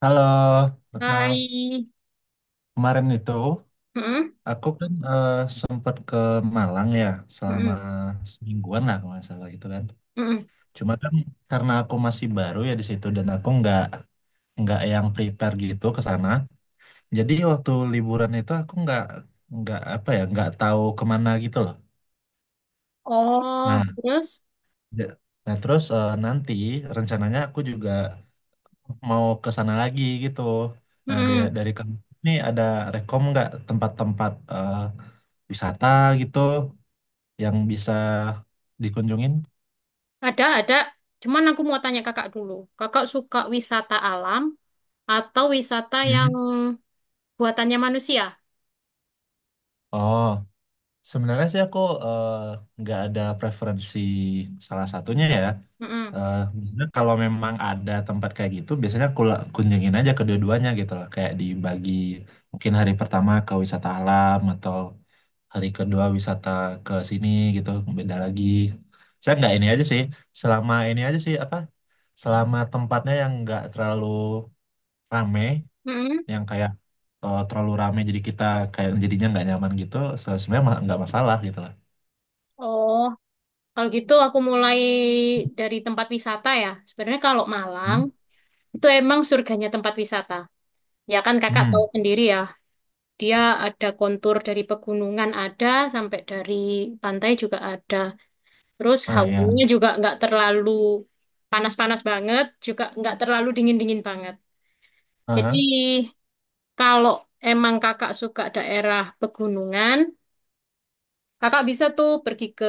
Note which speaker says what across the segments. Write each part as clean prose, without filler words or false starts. Speaker 1: Halo, Retno.
Speaker 2: Hai.
Speaker 1: Kemarin itu
Speaker 2: Mm-mm,
Speaker 1: aku kan sempat ke Malang ya selama
Speaker 2: mm-mm,
Speaker 1: semingguan lah kalau nggak salah gitu kan.
Speaker 2: mm-mm.
Speaker 1: Cuma kan karena aku masih baru ya di situ dan aku nggak yang prepare gitu ke sana. Jadi waktu liburan itu aku nggak apa ya nggak tahu kemana gitu loh.
Speaker 2: Oh,
Speaker 1: Nah,
Speaker 2: terus?
Speaker 1: ya- nah terus nanti rencananya aku juga mau ke sana lagi gitu. Nah, dari,
Speaker 2: Mm-mm.
Speaker 1: dari kamu ini ada rekom nggak tempat-tempat wisata gitu yang bisa dikunjungin?
Speaker 2: Ada, ada. Cuman aku mau tanya kakak dulu. Kakak suka wisata alam atau wisata yang
Speaker 1: Hmm.
Speaker 2: buatannya manusia?
Speaker 1: Oh, sebenarnya sih aku eh, nggak ada preferensi salah satunya ya.
Speaker 2: Mm-mm,
Speaker 1: Biasanya kalau memang ada tempat kayak gitu, biasanya aku kunjungin aja kedua-duanya gitu loh. Kayak dibagi mungkin hari pertama ke wisata alam atau hari kedua wisata ke sini gitu, beda lagi. Saya nggak ini aja sih, selama ini aja sih apa, selama tempatnya yang nggak terlalu rame,
Speaker 2: mm-mm.
Speaker 1: yang kayak terlalu rame jadi kita kayak jadinya nggak nyaman gitu, sebenarnya nggak masalah gitu lah.
Speaker 2: Oh, kalau gitu aku mulai dari tempat wisata ya. Sebenarnya kalau Malang
Speaker 1: Hah?
Speaker 2: itu emang surganya tempat wisata. Ya kan kakak tahu
Speaker 1: Hmm.
Speaker 2: sendiri ya. Dia ada kontur dari pegunungan ada sampai dari pantai juga ada. Terus
Speaker 1: Ah, ya.
Speaker 2: hawanya juga nggak terlalu panas-panas banget, juga nggak terlalu dingin-dingin banget. Jadi
Speaker 1: Aha.
Speaker 2: kalau emang kakak suka daerah pegunungan, kakak bisa tuh pergi ke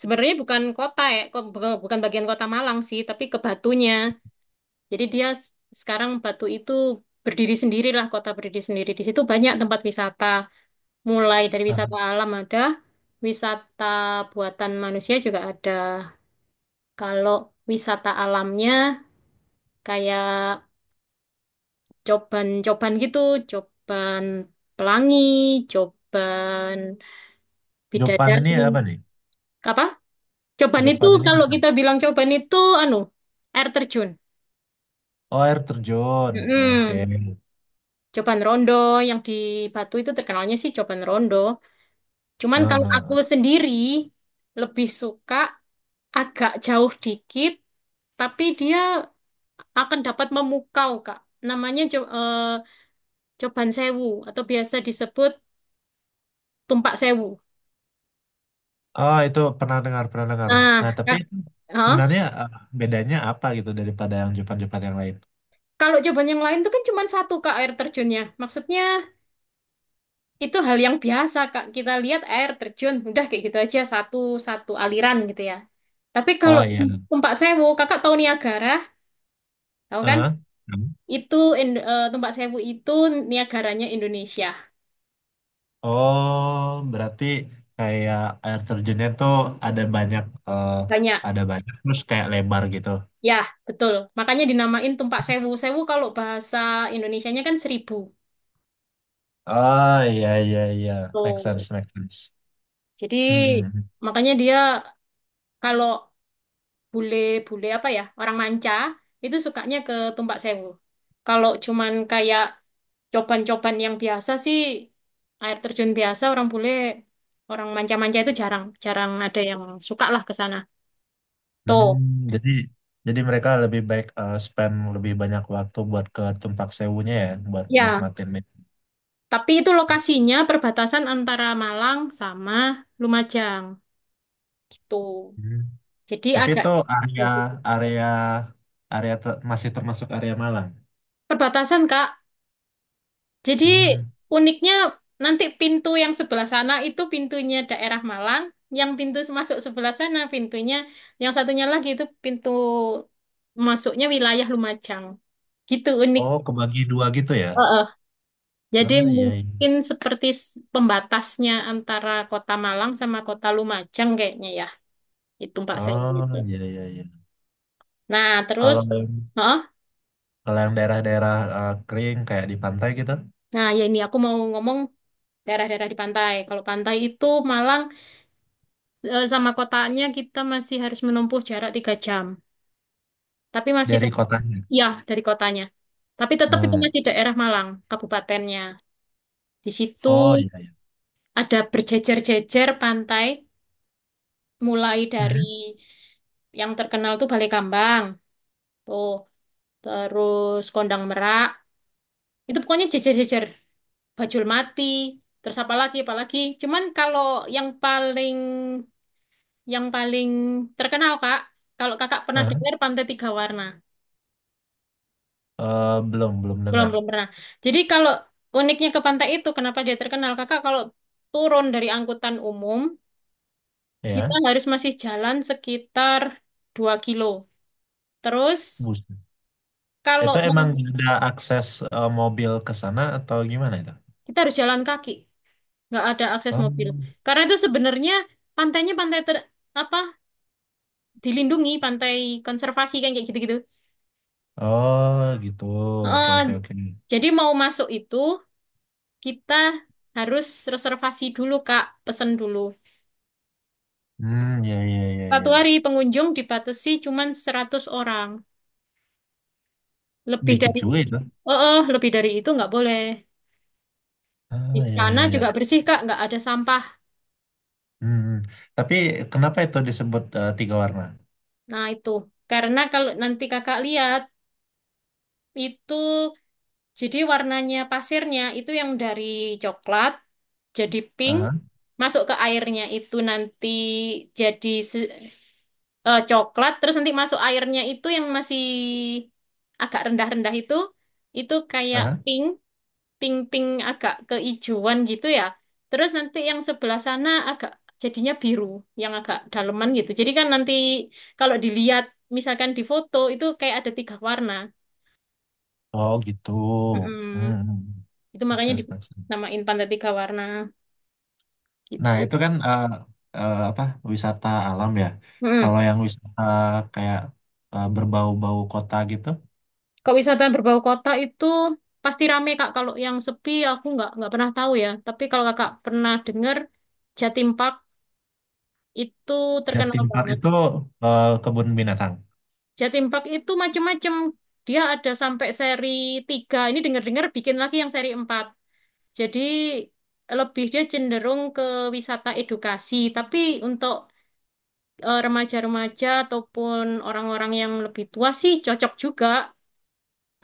Speaker 2: sebenarnya bukan kota ya, bukan bagian kota Malang sih, tapi ke Batunya. Jadi sekarang Batu itu berdiri sendirilah, kota berdiri sendiri. Di situ banyak tempat wisata, mulai dari
Speaker 1: Ah,
Speaker 2: wisata alam ada, wisata buatan manusia juga ada. Kalau wisata alamnya kayak coban-coban gitu, coban pelangi, coban
Speaker 1: Jopan ini
Speaker 2: bidadari.
Speaker 1: apa nih?
Speaker 2: Apa? Coban itu
Speaker 1: Jopan ini
Speaker 2: kalau
Speaker 1: apa?
Speaker 2: kita bilang coban itu anu, air terjun.
Speaker 1: Oh, air terjun, oke.
Speaker 2: Mm-mm. Coban rondo yang di Batu itu terkenalnya sih coban rondo. Cuman kalau aku
Speaker 1: Aha.
Speaker 2: sendiri lebih suka agak jauh dikit, tapi dia akan dapat memukau, Kak. Namanya Coban Sewu atau biasa disebut Tumpak Sewu.
Speaker 1: Oh, itu pernah dengar, pernah dengar.
Speaker 2: Nah,
Speaker 1: Nah, tapi
Speaker 2: Kak,
Speaker 1: itu
Speaker 2: hah?
Speaker 1: sebenarnya bedanya apa gitu daripada yang Jepang-Jepang yang lain?
Speaker 2: Kalau coban yang lain itu kan cuma satu Kak air terjunnya. Maksudnya itu hal yang biasa Kak. Kita lihat air terjun, udah kayak gitu aja satu satu aliran gitu ya. Tapi kalau
Speaker 1: Oh iya.
Speaker 2: Tumpak Sewu, Kakak tahu Niagara, tahu kan?
Speaker 1: Heeh. Hmm.
Speaker 2: Itu Tumpak Sewu itu Niagaranya Indonesia.
Speaker 1: Oh, berarti kayak air terjunnya tuh ada banyak, eh,
Speaker 2: Banyak.
Speaker 1: ada banyak terus kayak lebar gitu.
Speaker 2: Ya, betul. Makanya dinamain Tumpak Sewu. Sewu kalau bahasa Indonesianya kan seribu.
Speaker 1: Oh iya iya iya, make sense,
Speaker 2: Tuh.
Speaker 1: make sense.
Speaker 2: Jadi
Speaker 1: Hmm.
Speaker 2: makanya dia kalau bule-bule apa ya, orang manca, itu sukanya ke Tumpak Sewu. Kalau cuman kayak coban-coban yang biasa sih, air terjun biasa, orang bule, orang manca-manca itu jarang, jarang ada yang suka lah ke sana.
Speaker 1: Hmm,
Speaker 2: Tuh,
Speaker 1: jadi mereka lebih baik spend lebih banyak waktu buat ke Tumpak Sewunya ya, buat
Speaker 2: ya.
Speaker 1: nikmatin.
Speaker 2: Tapi itu lokasinya perbatasan antara Malang sama Lumajang, gitu. Jadi
Speaker 1: Tapi
Speaker 2: agak
Speaker 1: itu area area area ter- masih termasuk area Malang.
Speaker 2: perbatasan, Kak. Jadi
Speaker 1: Hmm.
Speaker 2: uniknya nanti pintu yang sebelah sana itu pintunya daerah Malang, yang pintu masuk sebelah sana pintunya, yang satunya lagi itu pintu masuknya wilayah Lumajang. Gitu unik.
Speaker 1: Oh, kebagi dua gitu ya?
Speaker 2: Heeh. Jadi
Speaker 1: Ah, iya, iya.
Speaker 2: mungkin seperti pembatasnya antara kota Malang sama kota Lumajang kayaknya ya. Itu Mbak saya itu.
Speaker 1: Oh, iya, iya, iya.
Speaker 2: Nah, terus
Speaker 1: Kalau yang
Speaker 2: heeh.
Speaker 1: kalau yang daerah-daerah kering kayak di pantai gitu,
Speaker 2: Nah, ya ini aku mau ngomong daerah-daerah di pantai. Kalau pantai itu Malang sama kotanya kita masih harus menempuh jarak 3 jam. Tapi masih
Speaker 1: dari
Speaker 2: tetap,
Speaker 1: kotanya.
Speaker 2: ya dari kotanya. Tapi tetap itu
Speaker 1: Hmm.
Speaker 2: masih daerah Malang, kabupatennya. Di situ
Speaker 1: Oh, iya, iya.
Speaker 2: ada berjejer-jejer pantai, mulai dari
Speaker 1: Hmm.
Speaker 2: yang terkenal tuh Balai Kambang, tuh terus Kondang Merak. Itu pokoknya jejer-jejer, Bajul Mati, terus apa lagi, apa lagi. Cuman kalau yang paling yang paling terkenal Kak, kalau Kakak pernah
Speaker 1: Aha.
Speaker 2: dengar Pantai Tiga Warna.
Speaker 1: Belum, belum
Speaker 2: Belum,
Speaker 1: dengar.
Speaker 2: belum pernah. Jadi kalau uniknya ke pantai itu, kenapa dia terkenal? Kakak kalau turun dari angkutan umum, kita
Speaker 1: Ya,
Speaker 2: harus masih jalan sekitar 2 kilo. Terus
Speaker 1: bus.
Speaker 2: kalau
Speaker 1: Itu
Speaker 2: mau,
Speaker 1: emang ada akses mobil ke sana atau gimana itu?
Speaker 2: kita harus jalan kaki. Nggak ada akses
Speaker 1: Oh,
Speaker 2: mobil. Karena itu sebenarnya pantainya pantai ter, apa dilindungi, pantai konservasi kan kayak gitu-gitu.
Speaker 1: oh gitu. Oke,
Speaker 2: Eh,
Speaker 1: oke, oke.
Speaker 2: jadi mau masuk itu, kita harus reservasi dulu, Kak. Pesen dulu.
Speaker 1: Hmm, ya ya iya,
Speaker 2: Satu
Speaker 1: iya.
Speaker 2: hari pengunjung dibatasi cuma 100 orang. Lebih
Speaker 1: Dikit
Speaker 2: dari
Speaker 1: juga itu.
Speaker 2: oh, oh, lebih dari itu nggak boleh. Di
Speaker 1: Ah, ya,
Speaker 2: sana
Speaker 1: ya,
Speaker 2: juga
Speaker 1: ya.
Speaker 2: bersih, Kak, nggak ada sampah.
Speaker 1: Hmm. Hmm. Tapi kenapa itu disebut tiga warna?
Speaker 2: Nah, itu. Karena kalau nanti Kakak lihat itu jadi warnanya pasirnya itu yang dari coklat jadi pink
Speaker 1: Aha,
Speaker 2: masuk ke airnya itu nanti jadi coklat terus nanti masuk airnya itu yang masih agak rendah-rendah itu kayak
Speaker 1: aha.
Speaker 2: pink pink-pink agak keijuan gitu ya. Terus nanti yang sebelah sana agak jadinya biru, yang agak daleman gitu. Jadi kan nanti kalau dilihat misalkan di foto itu kayak ada tiga warna.
Speaker 1: Oh, gitu. Hmm.
Speaker 2: Mm-mm.
Speaker 1: Hmm.
Speaker 2: Itu
Speaker 1: Make
Speaker 2: makanya
Speaker 1: sense, make sense.
Speaker 2: dinamain pantai tiga warna
Speaker 1: Nah,
Speaker 2: gitu.
Speaker 1: itu kan apa, wisata alam ya.
Speaker 2: Mm-mm.
Speaker 1: Kalau yang wisata kayak berbau-bau kota gitu,
Speaker 2: Kalau wisata berbau kota itu pasti rame Kak. Kalau yang sepi aku nggak pernah tahu ya. Tapi kalau Kakak pernah dengar Jatim Park itu terkenal
Speaker 1: Jatim Park
Speaker 2: banget.
Speaker 1: itu kebun binatang.
Speaker 2: Jatim Park itu macam-macam. Dia ada sampai seri 3. Ini dengar-dengar bikin lagi yang seri 4. Jadi lebih dia cenderung ke wisata edukasi. Tapi untuk remaja-remaja ataupun orang-orang yang lebih tua sih cocok juga.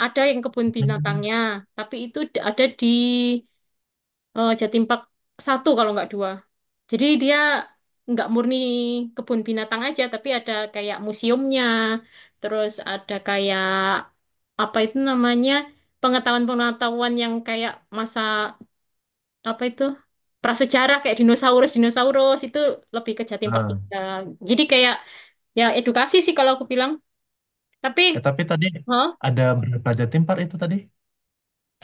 Speaker 2: Ada yang kebun
Speaker 1: Hmm.
Speaker 2: binatangnya, tapi itu ada di Jatim Park satu kalau nggak dua. Jadi dia nggak murni kebun binatang aja, tapi ada kayak museumnya, terus ada kayak apa itu namanya pengetahuan-pengetahuan yang kayak masa apa itu prasejarah kayak dinosaurus dinosaurus itu lebih ke Jatim Park
Speaker 1: Nah,
Speaker 2: tiga. Jadi kayak ya edukasi sih kalau aku bilang. Tapi,
Speaker 1: ya, tapi tadi
Speaker 2: hah?
Speaker 1: ada berapa Jatim Park itu tadi?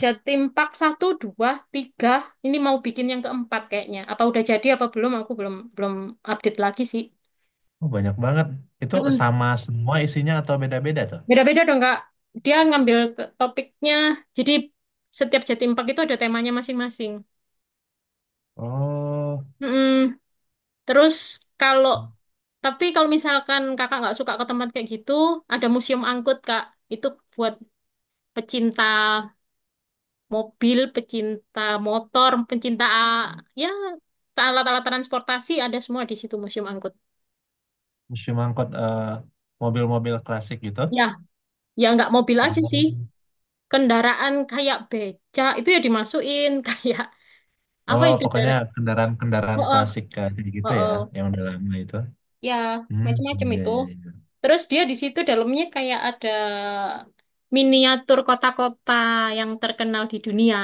Speaker 2: Jatim Park satu dua tiga. Ini mau bikin yang keempat kayaknya. Apa udah jadi apa belum? Aku belum belum update lagi sih.
Speaker 1: Oh, banyak banget. Itu
Speaker 2: Mm-mm.
Speaker 1: sama semua isinya atau beda-beda tuh?
Speaker 2: Beda-beda dong, Kak. Topiknya. Jadi setiap Jatim Park itu ada temanya masing-masing.
Speaker 1: Oh.
Speaker 2: Mm-mm. Terus kalau tapi kalau misalkan kakak nggak suka ke tempat kayak gitu, ada museum angkut, Kak. Itu buat pecinta mobil, pecinta motor, pecinta ya alat-alat transportasi ada semua di situ museum angkut.
Speaker 1: Museum angkut mobil-mobil klasik gitu.
Speaker 2: Ya, ya nggak mobil aja sih.
Speaker 1: Sama-
Speaker 2: Kendaraan kayak becak itu ya dimasukin kayak apa
Speaker 1: Oh,
Speaker 2: ya
Speaker 1: pokoknya
Speaker 2: kendaraan?
Speaker 1: kendaraan-kendaraan
Speaker 2: Oh, oh,
Speaker 1: klasik kayak gitu
Speaker 2: oh,
Speaker 1: ya,
Speaker 2: oh.
Speaker 1: yang udah lama itu.
Speaker 2: Ya,
Speaker 1: Hmm,
Speaker 2: macam-macam
Speaker 1: iya,
Speaker 2: itu.
Speaker 1: iya, iya.
Speaker 2: Terus dia di situ dalamnya kayak ada miniatur kota-kota yang terkenal di dunia.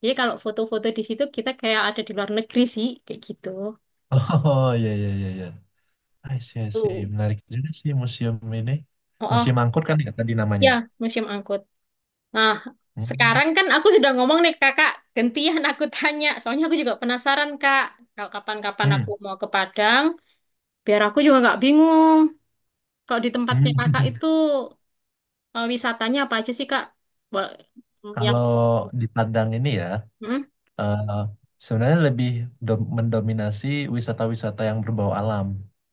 Speaker 2: Jadi kalau foto-foto di situ kita kayak ada di luar negeri sih, kayak gitu.
Speaker 1: Oh, iya, iya, iya, iya. I see, I see.
Speaker 2: Tuh.
Speaker 1: Menarik juga sih museum ini.
Speaker 2: Oh, oh.
Speaker 1: Museum angkut kan ya tadi namanya.
Speaker 2: Ya, museum angkut. Nah,
Speaker 1: Hmm,
Speaker 2: sekarang kan aku sudah ngomong nih kakak, gantian aku tanya. Soalnya aku juga penasaran kak, kalau kapan-kapan
Speaker 1: hmm,
Speaker 2: aku mau ke Padang, biar aku juga nggak bingung. Kalau di tempatnya kakak
Speaker 1: hmm.
Speaker 2: itu wisatanya apa aja sih kak? Bo- Yang
Speaker 1: Kalau di Padang ini ya,
Speaker 2: hmm?
Speaker 1: eh, sebenarnya lebih mendominasi wisata-wisata yang berbau alam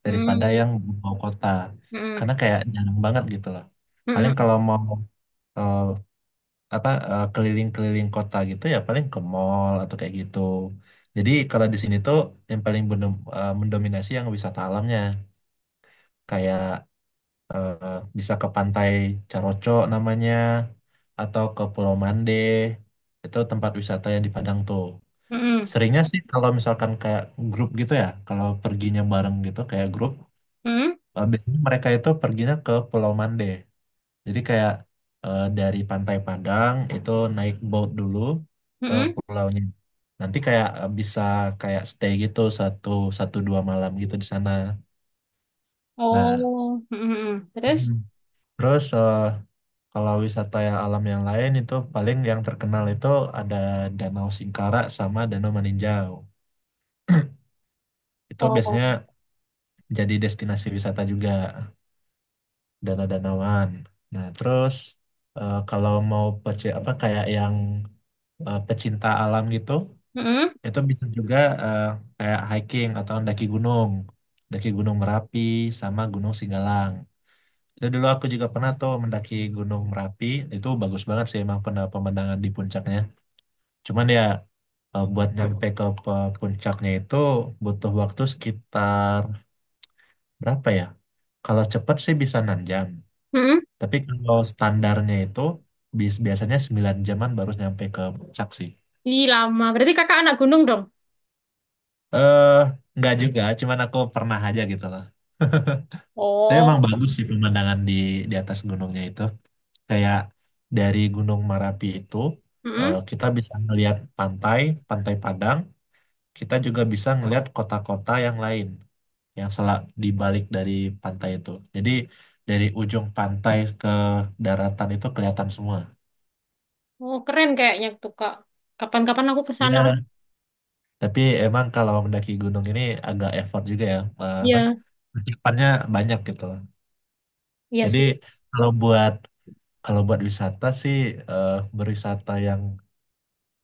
Speaker 1: daripada
Speaker 2: Hmm.
Speaker 1: yang berbau kota.
Speaker 2: Hmm.
Speaker 1: Karena kayak jarang banget gitu loh.
Speaker 2: Hmm.
Speaker 1: Paling
Speaker 2: Hmm.
Speaker 1: kalau mau eh, apa keliling-keliling kota gitu ya paling ke mall atau kayak gitu. Jadi kalau di sini tuh yang paling mendominasi yang wisata alamnya kayak eh, bisa ke pantai Caroco namanya atau ke Pulau Mande. Itu tempat wisata yang di Padang tuh.
Speaker 2: Hmm.
Speaker 1: Seringnya sih kalau misalkan kayak grup gitu ya, kalau perginya bareng gitu kayak grup,
Speaker 2: Hmm.
Speaker 1: biasanya mereka itu perginya ke Pulau Mande. Jadi kayak dari Pantai Padang itu naik boat dulu
Speaker 2: hmm,
Speaker 1: ke
Speaker 2: hmm.
Speaker 1: pulaunya. Nanti kayak bisa kayak stay gitu satu satu dua malam gitu di sana. Nah,
Speaker 2: Oh, Hmm. hmm, hmm.
Speaker 1: Mhm.
Speaker 2: Terus?
Speaker 1: Terus kalau wisata yang alam yang lain itu paling yang terkenal itu ada Danau Singkarak sama Danau Maninjau. Itu
Speaker 2: Oh,
Speaker 1: biasanya jadi destinasi wisata juga. Danau Danawan. Nah, terus kalau mau apa kayak yang pecinta alam gitu,
Speaker 2: Hmm.
Speaker 1: itu bisa juga eh, kayak hiking atau mendaki gunung, mendaki Gunung Merapi sama Gunung Singgalang. Itu dulu aku juga pernah tuh mendaki Gunung Merapi, itu bagus banget sih emang pernah pemandangan di puncaknya. Cuman ya buat nyampe ke puncaknya itu butuh waktu sekitar berapa ya? Kalau cepat sih bisa 6 jam.
Speaker 2: Hmm. hmm.
Speaker 1: Tapi kalau standarnya itu biasanya 9 jaman baru nyampe ke puncak sih.
Speaker 2: Ih, lama. Berarti kakak anak gunung dong?
Speaker 1: Eh, nggak juga, cuman aku pernah aja gitu loh. Tapi emang
Speaker 2: Oh,
Speaker 1: bagus sih pemandangan di atas gunungnya itu. Kayak dari Gunung Marapi itu
Speaker 2: Hmm. hmm.
Speaker 1: kita bisa ngelihat pantai, Pantai Padang. Kita juga bisa ngelihat kota-kota yang lain yang selak di balik dari pantai itu. Jadi dari ujung pantai ke daratan itu kelihatan semua.
Speaker 2: Oh, keren kayaknya tuh kak. Kapan-kapan aku ke sana.
Speaker 1: Ya. Tapi emang kalau mendaki gunung ini agak effort juga ya, apa?
Speaker 2: Iya,
Speaker 1: Persiapannya banyak gitu loh.
Speaker 2: iya
Speaker 1: Jadi
Speaker 2: sih.
Speaker 1: kalau buat kalau buat wisata sih eh, berwisata yang,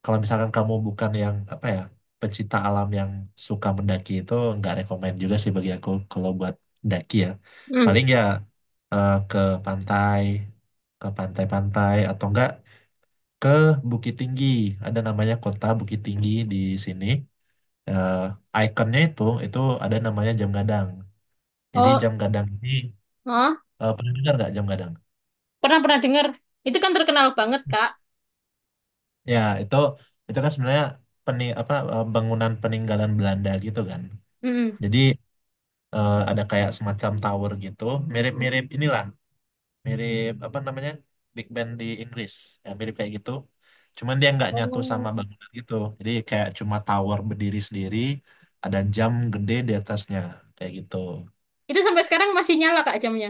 Speaker 1: kalau misalkan kamu bukan yang apa ya pecinta alam yang suka mendaki, itu nggak rekomend juga sih bagi aku kalau buat daki ya.
Speaker 2: Hmm.
Speaker 1: Paling ya ke pantai, ke pantai-pantai atau enggak ke Bukit Tinggi. Ada namanya kota Bukit Tinggi di sini. eh Ikonnya itu ada namanya jam gadang. Jadi
Speaker 2: Oh,
Speaker 1: jam gadang ini
Speaker 2: hah?
Speaker 1: pernah dengar nggak jam gadang?
Speaker 2: Pernah pernah dengar. Itu kan terkenal banget, Kak.
Speaker 1: Ya itu kan sebenarnya apa bangunan peninggalan Belanda gitu kan.
Speaker 2: Mm.
Speaker 1: Jadi ada kayak semacam tower gitu, mirip-mirip inilah, mirip apa namanya, Big Ben di Inggris, ya, mirip kayak gitu. Cuman dia nggak nyatu sama
Speaker 2: Oh.
Speaker 1: bangunan gitu. Jadi kayak cuma tower berdiri sendiri, ada jam gede di atasnya kayak gitu.
Speaker 2: Itu sampai sekarang masih nyala, Kak, jamnya.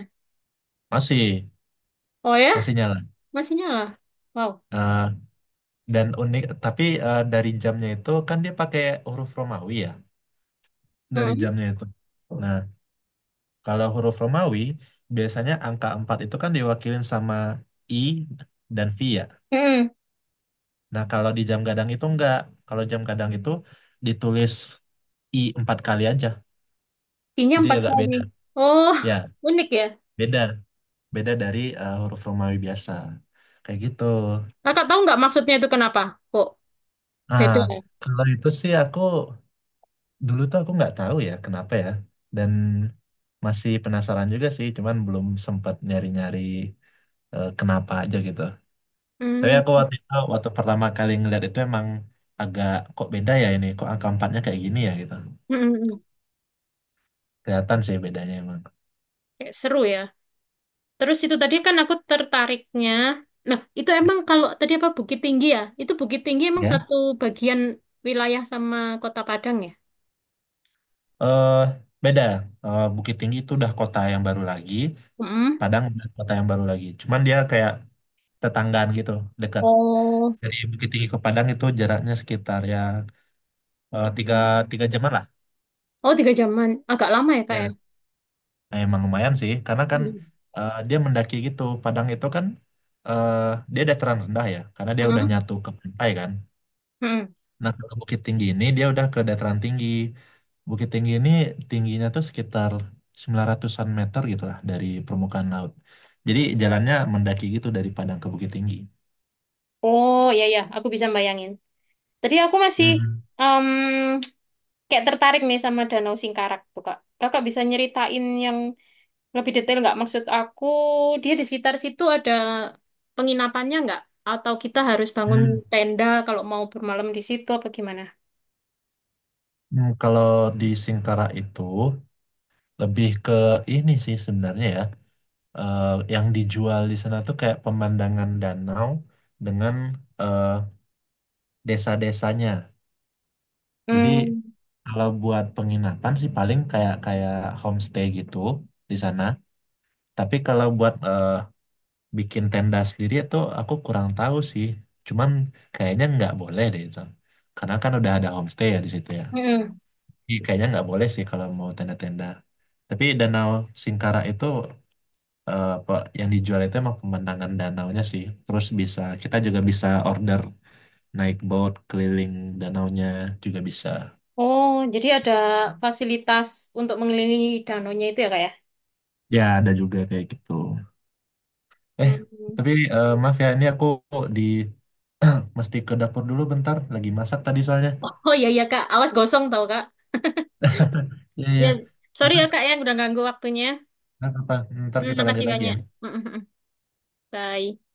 Speaker 1: Masih
Speaker 2: Oh ya,
Speaker 1: masih nyala.
Speaker 2: masih nyala. Wow.
Speaker 1: Eh, Dan unik, tapi dari jamnya itu kan dia pakai huruf Romawi ya, dari
Speaker 2: Hmm.
Speaker 1: jamnya itu. Nah, kalau huruf Romawi biasanya angka 4 itu kan diwakilin sama I dan V ya.
Speaker 2: Hmm.
Speaker 1: Nah, kalau di jam gadang itu enggak. Kalau jam gadang itu ditulis I empat kali aja.
Speaker 2: Kinya
Speaker 1: Jadi
Speaker 2: empat
Speaker 1: agak
Speaker 2: kali.
Speaker 1: beda.
Speaker 2: Oh,
Speaker 1: Ya,
Speaker 2: unik ya.
Speaker 1: beda. Beda dari huruf Romawi biasa. Kayak gitu.
Speaker 2: Kakak tahu nggak maksudnya itu kenapa? Kok
Speaker 1: Ah,
Speaker 2: beda? Ya?
Speaker 1: kalau itu sih aku dulu tuh aku nggak tahu ya kenapa ya, dan masih penasaran juga sih cuman belum sempat nyari-nyari kenapa aja gitu. Tapi
Speaker 2: Hmm.
Speaker 1: aku waktu itu waktu pertama kali ngeliat itu emang agak, kok beda ya ini, kok angka empatnya kayak gini ya gitu.
Speaker 2: Hmm. hmm.
Speaker 1: Kelihatan sih bedanya emang,
Speaker 2: Kayak seru ya. Terus itu tadi kan aku tertariknya. Nah, itu emang kalau tadi apa Bukit Tinggi ya? Itu Bukit Tinggi emang
Speaker 1: ya,
Speaker 2: satu bagian wilayah sama Kota Padang ya?
Speaker 1: eh beda. Bukit Tinggi itu udah kota yang baru lagi,
Speaker 2: Hmm.
Speaker 1: Padang udah kota yang baru lagi cuman dia kayak tetanggaan gitu, dekat.
Speaker 2: Oh,
Speaker 1: Dari Bukit Tinggi ke Padang itu jaraknya sekitar ya tiga tiga jaman lah.
Speaker 2: oh 3 jaman, agak lama ya kak ya?
Speaker 1: Ya, nah emang lumayan sih, karena kan
Speaker 2: Mm.
Speaker 1: dia mendaki gitu. Padang itu kan eh, dia dataran rendah ya, karena dia udah
Speaker 2: Heeh.
Speaker 1: nyatu ke pantai kan.
Speaker 2: Heeh.
Speaker 1: Nah, ke Bukit Tinggi ini dia udah ke dataran tinggi. Bukit Tinggi ini tingginya tuh sekitar 900-an meter gitu lah dari permukaan laut. Jadi jalannya mendaki gitu dari Padang ke Bukit Tinggi.
Speaker 2: Oh ya ya, aku bisa bayangin. Tadi aku masih
Speaker 1: Hmm.
Speaker 2: em, kayak tertarik nih sama Danau Singkarak tuh kak. Kakak bisa nyeritain yang lebih detail nggak? Maksud aku dia di sekitar situ ada penginapannya nggak? Atau kita harus bangun
Speaker 1: Hmm.
Speaker 2: tenda kalau mau bermalam di situ apa gimana?
Speaker 1: Hmm. Kalau di Singkara itu lebih ke ini sih sebenarnya ya. eh, yang dijual di sana tuh kayak pemandangan danau dengan eh, desa-desanya. Jadi
Speaker 2: Hmm.
Speaker 1: kalau buat penginapan sih paling kayak kayak homestay gitu di sana. Tapi kalau buat bikin tenda sendiri itu aku kurang tahu sih. Cuman kayaknya nggak boleh deh itu. Karena kan udah ada homestay ya di situ ya.
Speaker 2: Mm-mm.
Speaker 1: Jadi kayaknya nggak boleh sih kalau mau tenda-tenda. Tapi Danau Singkara itu yang dijual itu emang pemandangan danaunya sih. Terus bisa kita juga bisa order naik boat keliling danaunya juga bisa.
Speaker 2: Oh, jadi ada fasilitas untuk mengelilingi danaunya itu ya kak
Speaker 1: Ya ada juga kayak gitu. Eh
Speaker 2: ya?
Speaker 1: tapi maaf ya ini aku di mesti ke dapur dulu bentar. Lagi masak tadi soalnya.
Speaker 2: Oh iya iya Kak, awas gosong tau Kak.
Speaker 1: Iya
Speaker 2: Ya,
Speaker 1: iya.
Speaker 2: sorry ya
Speaker 1: Ntar,
Speaker 2: Kak ya udah ganggu waktunya.
Speaker 1: Ntar apa? Ntar
Speaker 2: Hmm,
Speaker 1: kita
Speaker 2: makasih
Speaker 1: lanjut lagi
Speaker 2: banyak.
Speaker 1: ya.
Speaker 2: Mm, mm, mm. Bye.